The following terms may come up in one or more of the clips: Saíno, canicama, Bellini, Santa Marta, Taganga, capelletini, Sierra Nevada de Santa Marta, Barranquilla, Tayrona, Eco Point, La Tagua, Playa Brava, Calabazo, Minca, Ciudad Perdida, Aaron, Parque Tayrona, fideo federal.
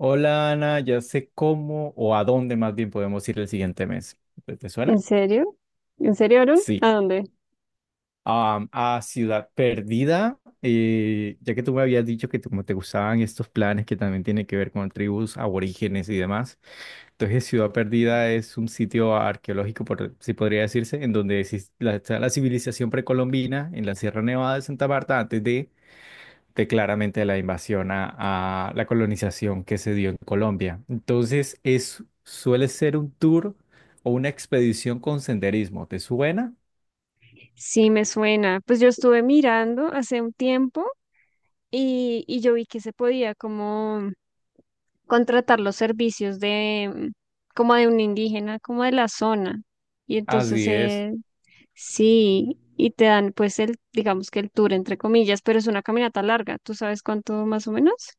Hola Ana, ya sé cómo o a dónde más bien podemos ir el siguiente mes. ¿Te ¿En suena? serio? ¿En serio, Aaron? Sí. ¿A dónde? A Ciudad Perdida, ya que tú me habías dicho que como te gustaban estos planes que también tienen que ver con tribus aborígenes y demás. Entonces Ciudad Perdida es un sitio arqueológico, por, si podría decirse, en donde está la civilización precolombina en la Sierra Nevada de Santa Marta antes de claramente la invasión a la colonización que se dio en Colombia. Entonces, es, suele ser un tour o una expedición con senderismo. ¿Te suena? Sí, me suena. Pues yo estuve mirando hace un tiempo y yo vi que se podía como contratar los servicios de como de un indígena, como de la zona. Y entonces Así es. Sí, y te dan pues el, digamos que el tour entre comillas, pero es una caminata larga. ¿Tú sabes cuánto más o menos?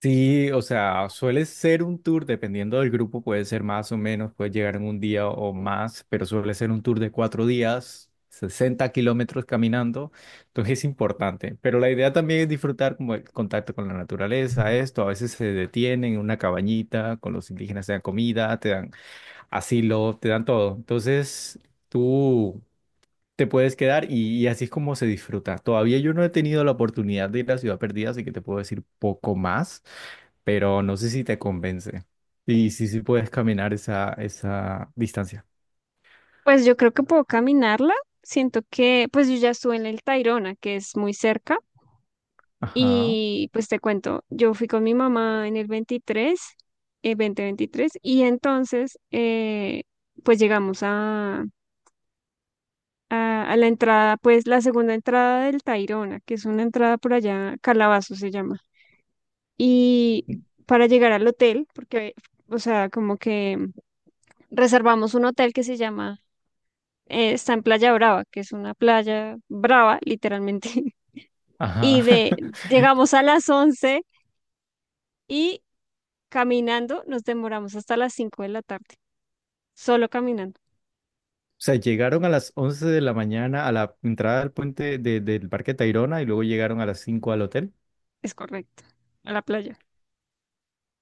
Sí, o sea, suele ser un tour, dependiendo del grupo, puede ser más o menos, puede llegar en un día o más, pero suele ser un tour de 4 días, 60 km caminando, entonces es importante. Pero la idea también es disfrutar como el contacto con la naturaleza, esto, a veces se detienen en una cabañita, con los indígenas te dan comida, te dan asilo, te dan todo. Entonces, tú te puedes quedar y así es como se disfruta. Todavía yo no he tenido la oportunidad de ir a Ciudad Perdida, así que te puedo decir poco más, pero no sé si te convence. Y sí, sí puedes caminar esa distancia. Pues yo creo que puedo caminarla. Siento que, pues yo ya estuve en el Tayrona, que es muy cerca. Ajá, Y pues te cuento, yo fui con mi mamá en el 23, el 2023. Y entonces pues llegamos a la entrada, pues la segunda entrada del Tayrona, que es una entrada por allá, Calabazo se llama. Y para llegar al hotel, porque, o sea, como que reservamos un hotel que se llama, está en Playa Brava, que es una playa brava, literalmente. ajá. Y de, Llegamos a las 11 y caminando nos demoramos hasta las 5 de la tarde, solo caminando, O sea, llegaron a las 11 de la mañana a la entrada del del Parque Tayrona y luego llegaron a las 5 al hotel es correcto, a la playa,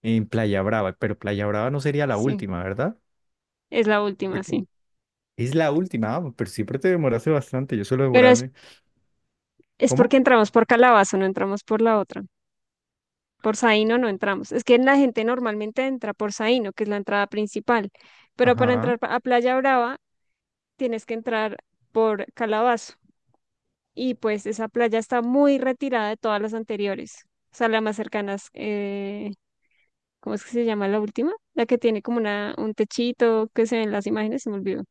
en Playa Brava, pero Playa Brava no sería la sí, última, ¿verdad? es la última, Porque sí, es la última, ah, pero siempre te demoraste bastante, yo suelo pero es, demorarme. es porque ¿Cómo? entramos por Calabazo, no entramos por la otra, por Saíno no entramos, es que la gente normalmente entra por Saíno, que es la entrada principal, pero para Ajá. entrar a Playa Brava tienes que entrar por Calabazo y pues esa playa está muy retirada de todas las anteriores. O sea, la más cercana, ¿cómo es que se llama la última? La que tiene como una, un techito que se ven las imágenes, se me olvidó.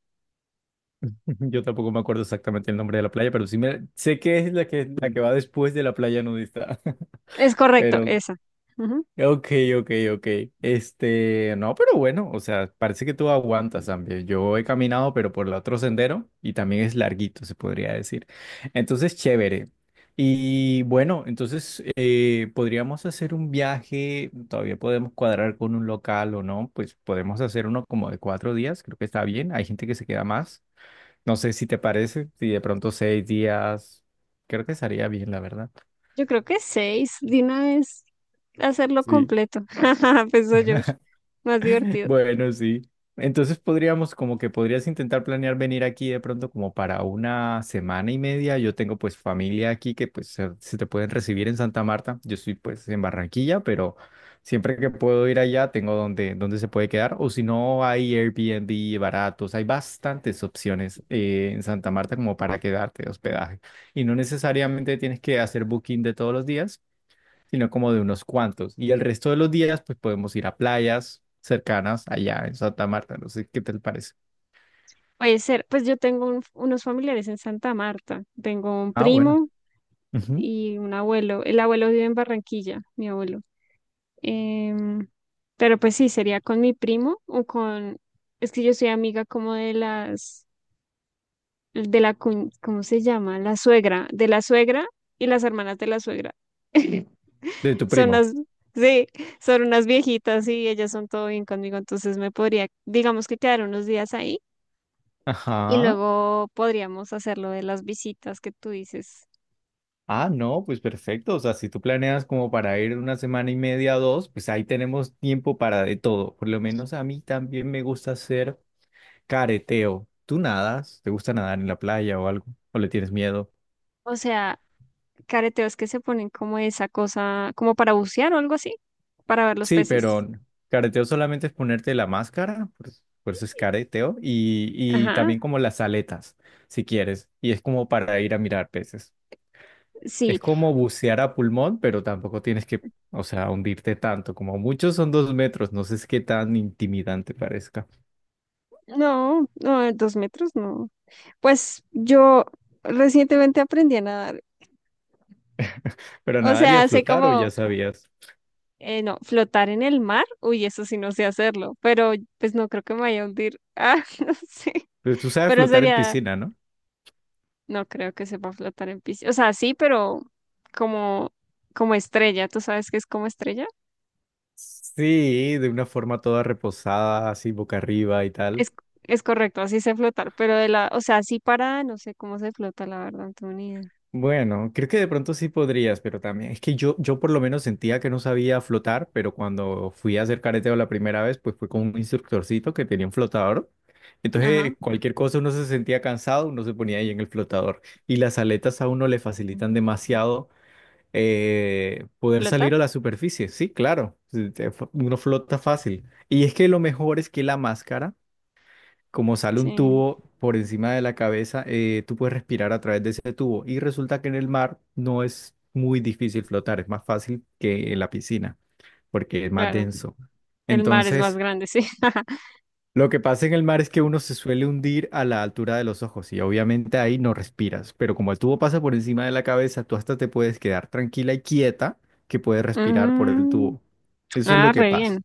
Yo tampoco me acuerdo exactamente el nombre de la playa, pero sí sé que es la que va después de la playa nudista. Es correcto, Pero, esa. Ujú. ok, ok, ok. Este, no, pero bueno, o sea, parece que tú aguantas, también. Yo he caminado, pero por el otro sendero y también es larguito, se podría decir. Entonces, chévere. Y bueno, entonces podríamos hacer un viaje, todavía podemos cuadrar con un local o no, pues podemos hacer uno como de 4 días, creo que está bien, hay gente que se queda más. No sé si te parece, si de pronto 6 días, creo que estaría bien, la verdad. Yo creo que seis, de una vez hacerlo Sí. completo. Jajaja, pensó yo, más divertido. Bueno, sí. Entonces podríamos, como que podrías intentar planear venir aquí de pronto como para una semana y media. Yo tengo pues familia aquí que pues se te pueden recibir en Santa Marta. Yo estoy pues en Barranquilla, pero siempre que puedo ir allá tengo donde se puede quedar. O si no, hay Airbnb baratos. Hay bastantes opciones en Santa Marta como para quedarte de hospedaje. Y no necesariamente tienes que hacer booking de todos los días, sino como de unos cuantos. Y el resto de los días, pues podemos ir a playas cercanas allá en Santa Marta. No sé qué te parece. Puede ser, pues yo tengo unos familiares en Santa Marta. Tengo un Ah, bueno. primo Ujú. y un abuelo. El abuelo vive en Barranquilla, mi abuelo. Em, pero pues sí, sería con mi primo o con... Es que yo soy amiga como de las de la, cuñ- ¿cómo se llama? La suegra, de la suegra y las hermanas de la suegra. De tu Son primo. las, sí, son unas viejitas y ellas son todo bien conmigo, entonces me podría, digamos que quedar unos días ahí y Ajá. luego podríamos hacer lo de las visitas que tú dices. Ah, no, pues perfecto. O sea, si tú planeas como para ir una semana y media, o dos, pues ahí tenemos tiempo para de todo. Por lo menos a mí también me gusta hacer careteo. ¿Tú nadas? ¿Te gusta nadar en la playa o algo? ¿O le tienes miedo? O sea, careteos que se ponen como esa cosa, como para bucear o algo así, para ver los Sí, peces. pero careteo solamente es ponerte la máscara, por eso es careteo, y Ajá, también como las aletas, si quieres, y es como para ir a mirar peces. Es sí. como bucear a pulmón, pero tampoco tienes que, o sea, hundirte tanto, como muchos son 2 metros, no sé es qué tan intimidante parezca. No, no, 2 metros no. Pues yo recientemente aprendí a nadar. Pero O nadar y a sea, sé flotar, o ya como... sabías. No, flotar en el mar, uy, eso sí no sé hacerlo, pero pues no creo que me vaya a hundir. Ah, no sé, Pero tú sabes pero flotar en sería, piscina, ¿no? no creo que sepa flotar en piscina. O sea, sí, pero como, como estrella, ¿tú sabes qué es como estrella? Sí, de una forma toda reposada, así boca arriba y tal. Es, es correcto, así sé flotar, pero de la, o sea, así para, no sé cómo se flota, la verdad, no tengo ni idea. Bueno, creo que de pronto sí podrías, pero también es que yo por lo menos sentía que no sabía flotar, pero cuando fui a hacer careteo la primera vez, pues fue con un instructorcito que tenía un flotador. Ajá. Entonces, cualquier cosa uno se sentía cansado, uno se ponía ahí en el flotador. Y las aletas a uno le facilitan Ujú. demasiado poder ¿Flota? salir a la superficie. Sí, claro, uno flota fácil. Y es que lo mejor es que la máscara como sale un Sí, tubo por encima de la cabeza, tú puedes respirar a través de ese tubo. Y resulta que en el mar no es muy difícil flotar, es más fácil que en la piscina, porque es más claro. denso. El mar es más Entonces, grande, sí. lo que pasa en el mar es que uno se suele hundir a la altura de los ojos y obviamente ahí no respiras, pero como el tubo pasa por encima de la cabeza, tú hasta te puedes quedar tranquila y quieta que puedes respirar por el Mm, tubo. Eso es lo ah, que re pasa. bien.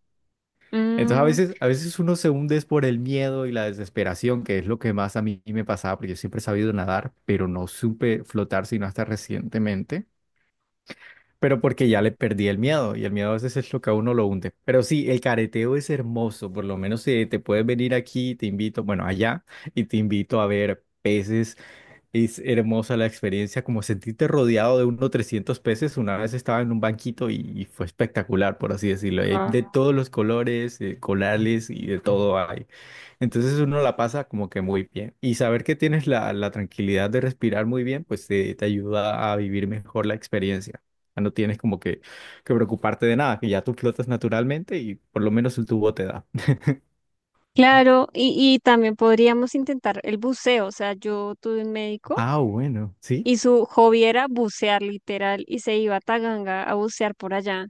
Entonces a Mm, veces, a veces uno se hunde es por el miedo y la desesperación, que es lo que más a mí me pasaba, porque yo siempre he sabido nadar, pero no supe flotar sino hasta recientemente, pero porque ya le perdí el miedo y el miedo a veces es lo que a uno lo hunde. Pero sí, el careteo es hermoso, por lo menos te puedes venir aquí, te invito, bueno, allá, y te invito a ver peces. Es hermosa la experiencia, como sentirte rodeado de unos 300 peces. Una vez estaba en un banquito y fue espectacular, por así decirlo. Hay de todos los colores, colales y de todo hay. Entonces uno la pasa como que muy bien. Y saber que tienes la tranquilidad de respirar muy bien, pues te ayuda a vivir mejor la experiencia. Ya no tienes como que preocuparte de nada, que ya tú flotas naturalmente y por lo menos el tubo te da. claro, y también podríamos intentar el buceo. O sea, yo tuve un médico Ah, bueno, sí. y su hobby era bucear literal y se iba a Taganga a bucear por allá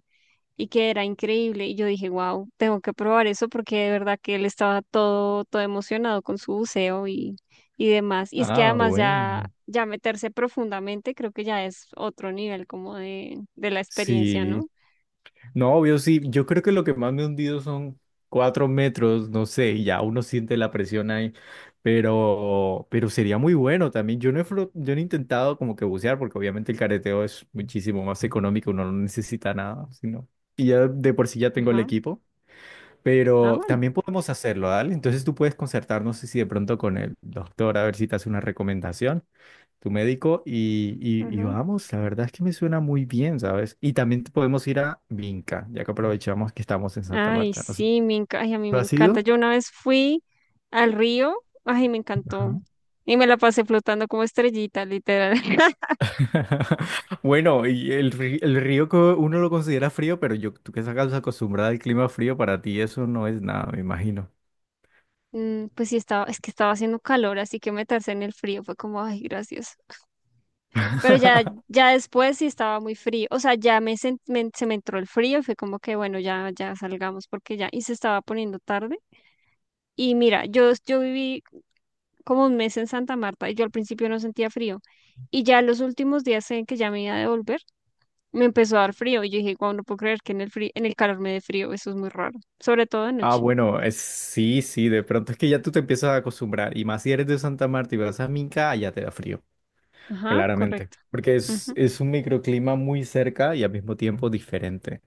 y que era increíble. Y yo dije, wow, tengo que probar eso porque de verdad que él estaba todo, todo emocionado con su buceo y demás. Y es que Ah, además ya, bueno. ya meterse profundamente creo que ya es otro nivel como de la experiencia, ¿no? Sí. No, obvio, sí. Yo creo que lo que más me he hundido son 4 metros, no sé, y ya uno siente la presión ahí. Pero sería muy bueno también. Yo no he intentado como que bucear, porque obviamente el careteo es muchísimo más económico, uno no necesita nada, sino. Y ya de por sí ya tengo el Ajá. equipo. Ah, Pero bueno. también podemos hacerlo, ¿dale? Entonces tú puedes concertar, no sé si de pronto con el doctor, a ver si te hace una recomendación tu médico y vamos, la verdad es que me suena muy bien, ¿sabes? Y también te podemos ir a Vinca, ya que aprovechamos que estamos en Santa Ay, Marta, no sé. sí, ay, a mí ¿Tú me has encanta. ido? Yo una vez fui al río, ay, me encantó. Ajá. Y me la pasé flotando como estrellita, literal. Bueno, y el río que uno lo considera frío, pero yo, tú que estás acostumbrada al clima frío, para ti eso no es nada, me imagino. Mm, pues sí, estaba, es que estaba haciendo calor, así que meterse en el frío fue como, ay, gracias. Pero ya, ya después sí estaba muy frío. O sea, ya me, se me entró el frío y fue como que, bueno, ya, ya salgamos porque ya, y se estaba poniendo tarde. Y mira, yo viví como un mes en Santa Marta y yo al principio no sentía frío. Y ya los últimos días en que ya me iba a devolver me empezó a dar frío y yo dije, wow, no puedo creer que en el frío, en el calor me dé frío, eso es muy raro, sobre todo de Ah, noche. bueno, es, sí, sí, de pronto es que ya tú te empiezas a acostumbrar, y más si eres de Santa Marta y vas a Minca, allá te da frío. Ajá, Claramente, correcto. porque es, Ujú. es un microclima muy cerca y al mismo tiempo diferente.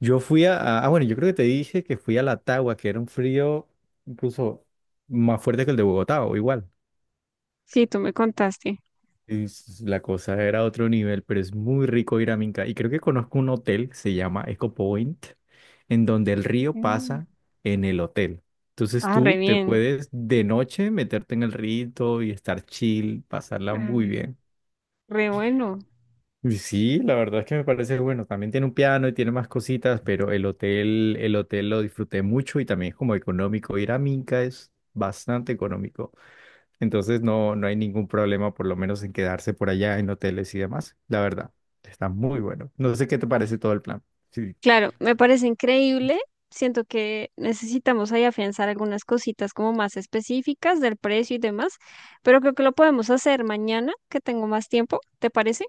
Yo fui ah, bueno, yo creo que te dije que fui a la Tagua, que era un frío incluso más fuerte que el de Bogotá, o igual. Sí, tú me contaste. Y la cosa era a otro nivel, pero es muy rico ir a Minca. Y creo que conozco un hotel que se llama Eco Point, en donde el río Mm. pasa en el hotel. Entonces Ah, re tú te bien. puedes de noche meterte en el rito y estar chill, pasarla muy Ah, bien. re bueno. Y sí, la verdad es que me parece bueno. También tiene un piano y tiene más cositas, pero el hotel lo disfruté mucho y también es como económico. Ir a Minca es bastante económico. Entonces no, no hay ningún problema, por lo menos en quedarse por allá en hoteles y demás. La verdad, está muy bueno. No sé qué te parece todo el plan. Sí, Claro, me parece increíble. Siento que necesitamos ahí afianzar algunas cositas como más específicas del precio y demás, pero creo que lo podemos hacer mañana, que tengo más tiempo. ¿Te parece?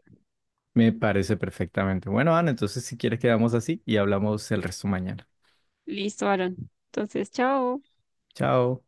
me parece perfectamente. Bueno, Ana, entonces si quieres quedamos así y hablamos el resto mañana. Listo, Aaron. Entonces, chao. Chao.